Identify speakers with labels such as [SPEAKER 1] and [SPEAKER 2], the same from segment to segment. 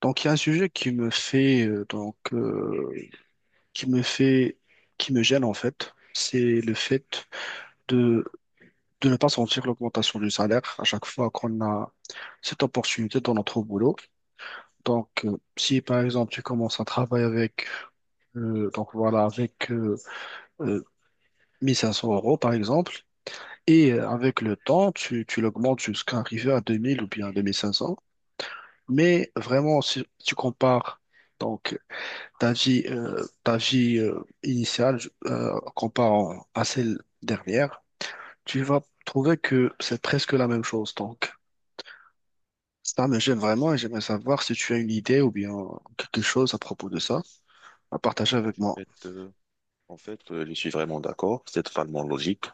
[SPEAKER 1] Donc, il y a un sujet qui me fait, qui me fait, qui me gêne en fait. C'est le fait de, de ne pas sentir l'augmentation du salaire à chaque fois qu'on a cette opportunité dans notre boulot. Donc, si par exemple tu commences un travail avec, donc voilà, avec euh, 1500 € par exemple, et avec le temps, tu l'augmentes jusqu'à arriver à 2000 ou bien 2500. Mais vraiment, si tu compares donc ta vie initiale, comparant à celle dernière, tu vas trouver que c'est presque la même chose. Donc, ça me gêne vraiment et j'aimerais savoir si tu as une idée ou bien quelque chose à propos de ça à partager
[SPEAKER 2] En
[SPEAKER 1] avec moi.
[SPEAKER 2] fait, euh, en fait, je suis vraiment d'accord. C'est totalement logique.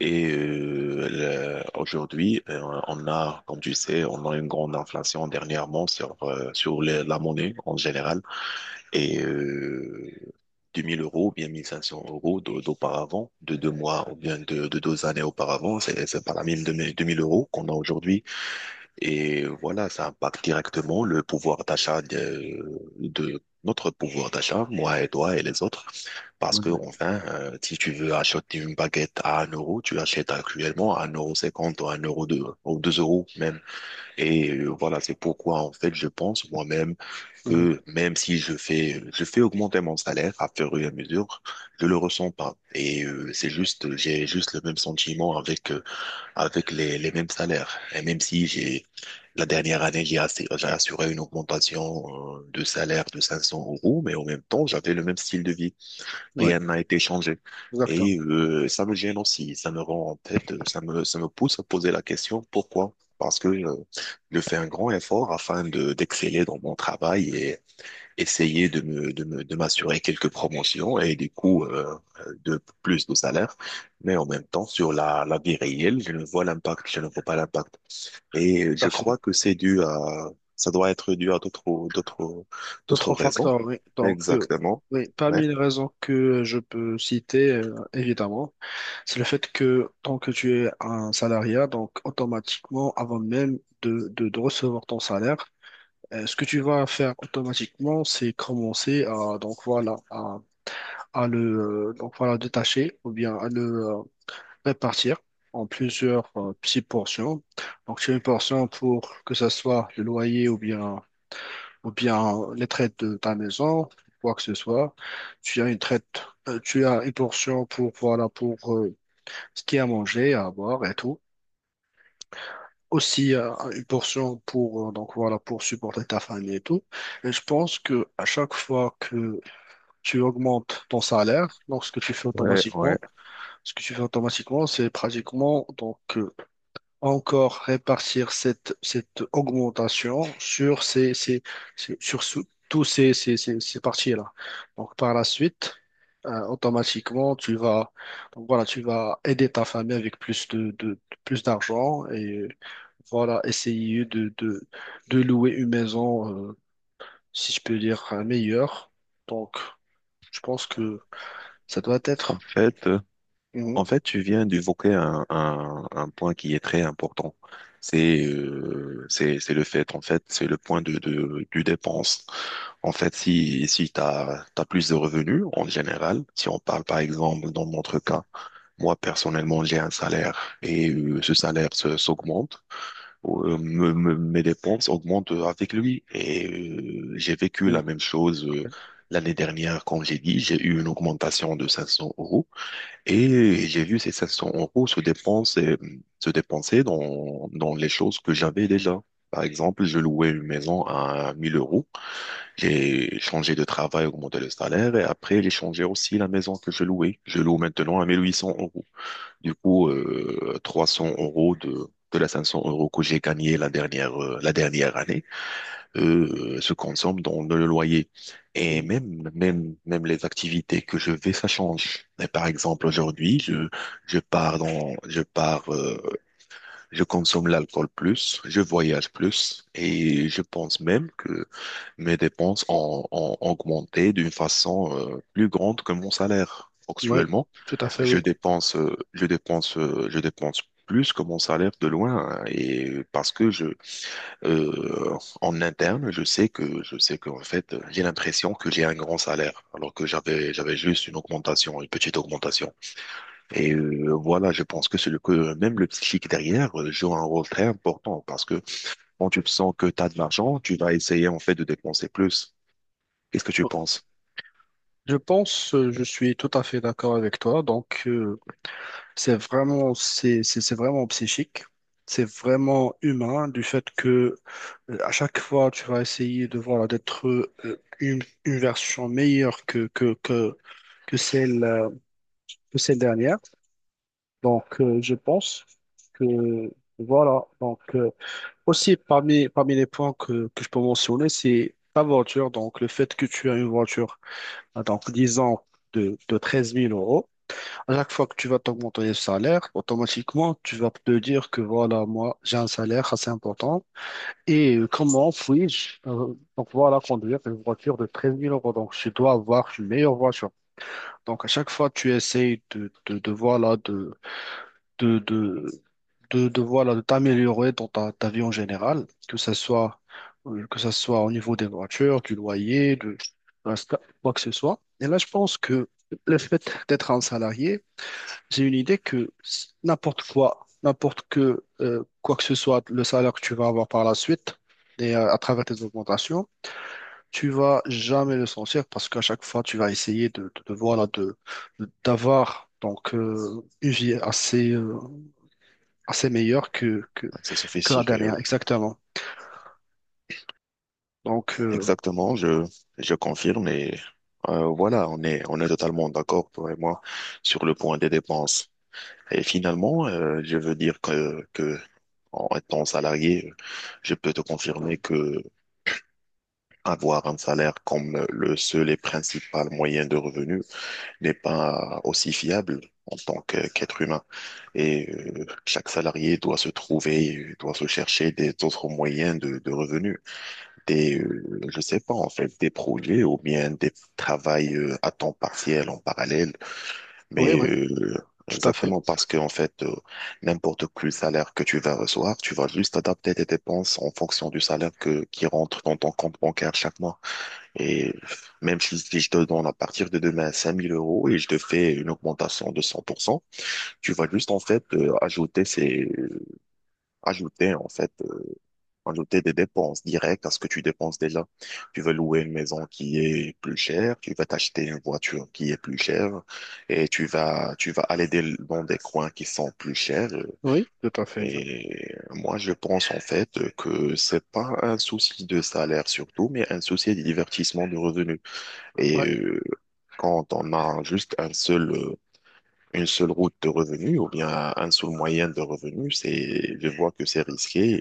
[SPEAKER 2] Et aujourd'hui, on a, comme tu sais, on a une grande inflation dernièrement sur la monnaie en général. Et 2000 euros, bien 1500 euros d'auparavant, de deux mois ou bien de deux années auparavant, c'est pas la même 2000 euros qu'on a aujourd'hui. Et voilà, ça impacte directement le pouvoir d'achat de notre pouvoir d'achat, moi et toi et les autres. Parce
[SPEAKER 1] Oui,
[SPEAKER 2] que,
[SPEAKER 1] oui.
[SPEAKER 2] enfin, si tu veux acheter une baguette à un euro, tu achètes actuellement à un euro cinquante ou un euro deux ou 2 euros même. Et voilà, c'est pourquoi, en fait, je pense moi-même
[SPEAKER 1] Mhm.
[SPEAKER 2] que même si je fais augmenter mon salaire à fur et à mesure, je le ressens pas. Et c'est juste, j'ai juste le même sentiment avec les mêmes salaires. Et même si j'ai, la dernière année, j'ai assuré une augmentation de salaire de 500 euros, mais en même temps, j'avais le même style de vie.
[SPEAKER 1] Oui,
[SPEAKER 2] Rien n'a été changé.
[SPEAKER 1] exactement.
[SPEAKER 2] Et ça me gêne aussi, ça me rend en tête, ça me pousse à poser la question pourquoi? Parce que je fais un grand effort afin de d'exceller dans mon travail et essayer de m'assurer quelques promotions et du coup de plus de salaire. Mais en même temps, sur la vie réelle, je ne vois pas l'impact. Et
[SPEAKER 1] Tout
[SPEAKER 2] je
[SPEAKER 1] à fait.
[SPEAKER 2] crois que ça doit être dû à d'autres
[SPEAKER 1] D'autres
[SPEAKER 2] raisons.
[SPEAKER 1] facteurs, oui. Donc,
[SPEAKER 2] Exactement.
[SPEAKER 1] oui,
[SPEAKER 2] Ouais.
[SPEAKER 1] parmi les raisons que je peux citer, évidemment, c'est le fait que tant que tu es un salariat, donc automatiquement, avant même de recevoir ton salaire, ce que tu vas faire automatiquement, c'est commencer à donc voilà à le donc voilà détacher ou bien à le euh, répartir en plusieurs petites portions. Donc tu as une portion pour que ce soit le loyer ou bien les traites de ta maison, quoi que ce soit. Tu as une traite, tu as une portion pour voilà pour ce qui est à manger, à boire et tout. Aussi une portion pour donc voilà pour supporter ta famille et tout. Et je pense que à chaque fois que tu augmentes ton salaire, donc ce que tu fais
[SPEAKER 2] Ouais, ouais.
[SPEAKER 1] automatiquement, c'est pratiquement donc encore répartir cette augmentation sur ces, ces, ces- sur sou- tous ces, ces, ces, ces parties-là. Donc, par la suite, automatiquement, donc voilà, tu vas aider ta famille avec plus plus d'argent et voilà, essayer de louer une maison, si je peux dire, meilleure. Donc, je pense que ça doit
[SPEAKER 2] En
[SPEAKER 1] être.
[SPEAKER 2] fait, euh,
[SPEAKER 1] Mhm.
[SPEAKER 2] en fait, tu viens d'évoquer un point qui est très important. C'est le fait, en fait, c'est le point de du dépense. En fait, si t'as plus de revenus en général, si on parle par exemple dans notre cas, moi personnellement j'ai un salaire et ce salaire s'augmente. Mes dépenses augmentent avec lui et j'ai vécu la même chose l'année dernière, j'ai eu une augmentation de 500 euros. Et j'ai vu ces 500 euros se dépenser, dans les choses que j'avais déjà. Par exemple, je louais une maison à 1000 euros. J'ai changé de travail, augmenté le salaire et après, j'ai changé aussi la maison que je louais. Je loue maintenant à 1800 euros. Du coup, 300 euros de la 500 euros que j'ai gagné la dernière année se consomment dans le loyer. Et
[SPEAKER 1] Mhm.
[SPEAKER 2] même les activités que je vais, ça change. Et par exemple, aujourd'hui, je pars dans, je pars, je consomme l'alcool plus, je voyage plus, et je pense même que mes dépenses ont augmenté d'une façon, plus grande que mon salaire.
[SPEAKER 1] Oui,
[SPEAKER 2] Actuellement,
[SPEAKER 1] tout à fait, oui.
[SPEAKER 2] je dépense plus que mon salaire de loin, hein, et parce que en interne, je sais qu'en fait, j'ai l'impression que j'ai un grand salaire, alors que j'avais juste une augmentation, une petite augmentation. Et voilà, je pense que c'est le que même le psychique derrière joue un rôle très important parce que quand tu sens que tu as de l'argent, tu vas essayer en fait de dépenser plus. Qu'est-ce que tu penses?
[SPEAKER 1] Je pense, je suis tout à fait d'accord avec toi. Donc, c'est vraiment, c'est vraiment psychique. C'est vraiment humain du fait que à chaque fois, tu vas essayer de voilà, d'être une version meilleure que celle, euh, que celle dernière. Donc, je pense que voilà. Donc, aussi parmi les points que je peux mentionner, c'est ta voiture. Donc, le fait que tu as une voiture, à, donc, disons, de treize mille euros. À chaque fois que tu vas t'augmenter le salaire, automatiquement, tu vas te dire que voilà, moi, j'ai un salaire assez important. Et comment puis-je, donc voilà, conduire une voiture de treize mille euros. Donc, je dois avoir une meilleure voiture. Donc, à chaque fois, tu essayes de voilà, de, de, voilà, de t'améliorer dans ta, ta vie en général, que ça soit au niveau des voitures, du loyer, de la- quoi que ce soit. Et là, je pense que le fait d'être un salarié, j'ai une idée que s- n'importe quoi, n'importe que quoi que ce soit, le salaire que tu vas avoir par la suite et à travers tes augmentations, tu vas jamais le sentir parce qu'à chaque fois, tu vas essayer voilà d'avoir donc une vie assez assez meilleure
[SPEAKER 2] C'est
[SPEAKER 1] que la
[SPEAKER 2] sophistique.
[SPEAKER 1] dernière,
[SPEAKER 2] Oui.
[SPEAKER 1] exactement. Donc
[SPEAKER 2] Exactement, je confirme et voilà, on est totalement d'accord toi et moi sur le point des dépenses. Et finalement, je veux dire que en étant salarié, je peux te confirmer que avoir un salaire comme le seul et principal moyen de revenu n'est pas aussi fiable en tant qu'être humain. Et chaque salarié doit se chercher des autres moyens de revenus. Je sais pas, en fait, des projets ou bien des travails à temps partiel en parallèle
[SPEAKER 1] oui,
[SPEAKER 2] mais
[SPEAKER 1] oui, tout à fait,
[SPEAKER 2] exactement parce que en fait, n'importe quel salaire que tu vas recevoir, tu vas juste adapter tes dépenses en fonction du salaire que qui rentre dans ton compte bancaire chaque mois. Et même si je te donne à partir de demain 5000 euros et je te fais une augmentation de 100%, tu vas juste en fait ajouter en fait Ajouter des dépenses directes à ce que tu dépenses déjà. Tu veux louer une maison qui est plus chère, tu vas t'acheter une voiture qui est plus chère et tu vas aller dans des coins qui sont plus chers.
[SPEAKER 1] oui, tout à fait. Je...
[SPEAKER 2] Et moi, je pense en fait que c'est pas un souci de salaire surtout, mais un souci de divertissement de revenus. Et
[SPEAKER 1] ouais,
[SPEAKER 2] quand on a juste une seule route de revenus ou bien un seul moyen de revenus, je vois que c'est risqué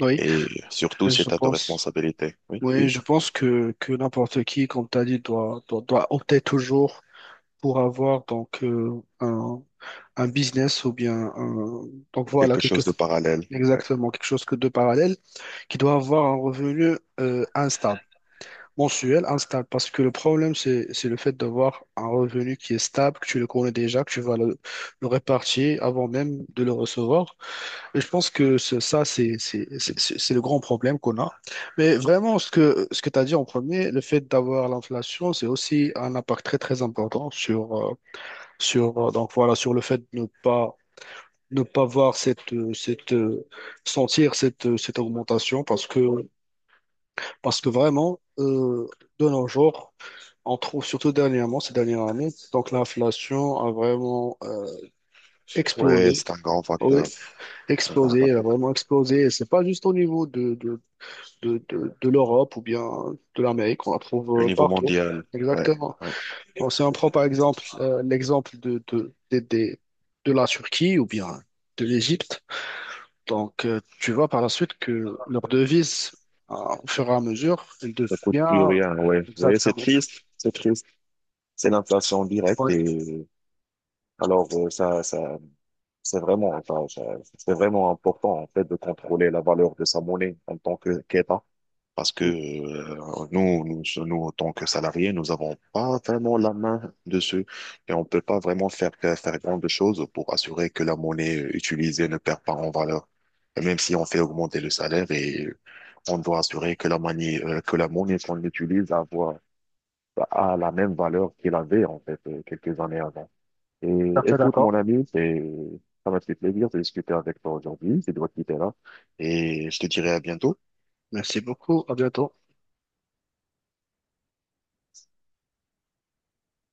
[SPEAKER 1] oui,
[SPEAKER 2] et surtout,
[SPEAKER 1] je
[SPEAKER 2] c'est à ta
[SPEAKER 1] pense.
[SPEAKER 2] responsabilité. Oui,
[SPEAKER 1] Oui,
[SPEAKER 2] oui.
[SPEAKER 1] je pense que n'importe qui, comme tu as dit, doit opter toujours pour avoir donc un business ou bien un- donc voilà
[SPEAKER 2] Quelque
[SPEAKER 1] quelque
[SPEAKER 2] chose de parallèle. Ouais,
[SPEAKER 1] exactement quelque chose que de parallèle qui doit avoir un revenu instable, mensuel instable, parce que le problème c'est le fait d'avoir un revenu qui est stable, que tu le connais déjà, que tu vas le répartir avant même de le recevoir. Et je pense que ce- ça c'est le grand problème qu'on a. Mais vraiment ce que tu as dit en premier, le fait d'avoir l'inflation, c'est aussi un impact très très important sur sur, donc voilà, sur le fait de ne pas, ne pas voir cette, sentir cette augmentation parce que vraiment, de nos jours, on trouve surtout dernièrement, ces dernières années, donc l'inflation a vraiment
[SPEAKER 2] ouais,
[SPEAKER 1] explosé.
[SPEAKER 2] c'est un grand
[SPEAKER 1] Oui,
[SPEAKER 2] facteur. Un grand
[SPEAKER 1] explosé, elle a
[SPEAKER 2] facteur.
[SPEAKER 1] vraiment explosé. Et c'est pas juste au niveau de l'Europe ou bien de l'Amérique, on la
[SPEAKER 2] Au
[SPEAKER 1] trouve
[SPEAKER 2] niveau
[SPEAKER 1] partout.
[SPEAKER 2] mondial. Ouais,
[SPEAKER 1] Exactement.
[SPEAKER 2] ouais.
[SPEAKER 1] Bon, si on prend par exemple l'exemple de la Turquie ou bien de l'Égypte, donc tu vois par la suite que leur devise, euh, au fur et à mesure, elle
[SPEAKER 2] Ça coûte plus
[SPEAKER 1] devient
[SPEAKER 2] rien. Ouais, ouais, c'est
[SPEAKER 1] exactement.
[SPEAKER 2] triste. C'est triste. C'est l'inflation directe.
[SPEAKER 1] Oui,
[SPEAKER 2] Et alors, ça, c'est vraiment, enfin, c'est vraiment important, en fait, de contrôler la valeur de sa monnaie en tant que qu'État. Parce que
[SPEAKER 1] tout
[SPEAKER 2] nous, en tant que salariés, nous n'avons pas vraiment la main dessus et on ne peut pas vraiment faire grand de choses pour assurer que la monnaie utilisée ne perd pas en valeur. Et même si on fait augmenter le salaire et on doit assurer que la monnaie qu'on utilise a la même valeur qu'elle avait en fait quelques années avant. Et
[SPEAKER 1] à fait
[SPEAKER 2] écoute, mon
[SPEAKER 1] d'accord.
[SPEAKER 2] ami, ça m'a fait plaisir de discuter avec toi aujourd'hui. Je dois te quitter là et je te dirai à bientôt.
[SPEAKER 1] Merci beaucoup, à bientôt.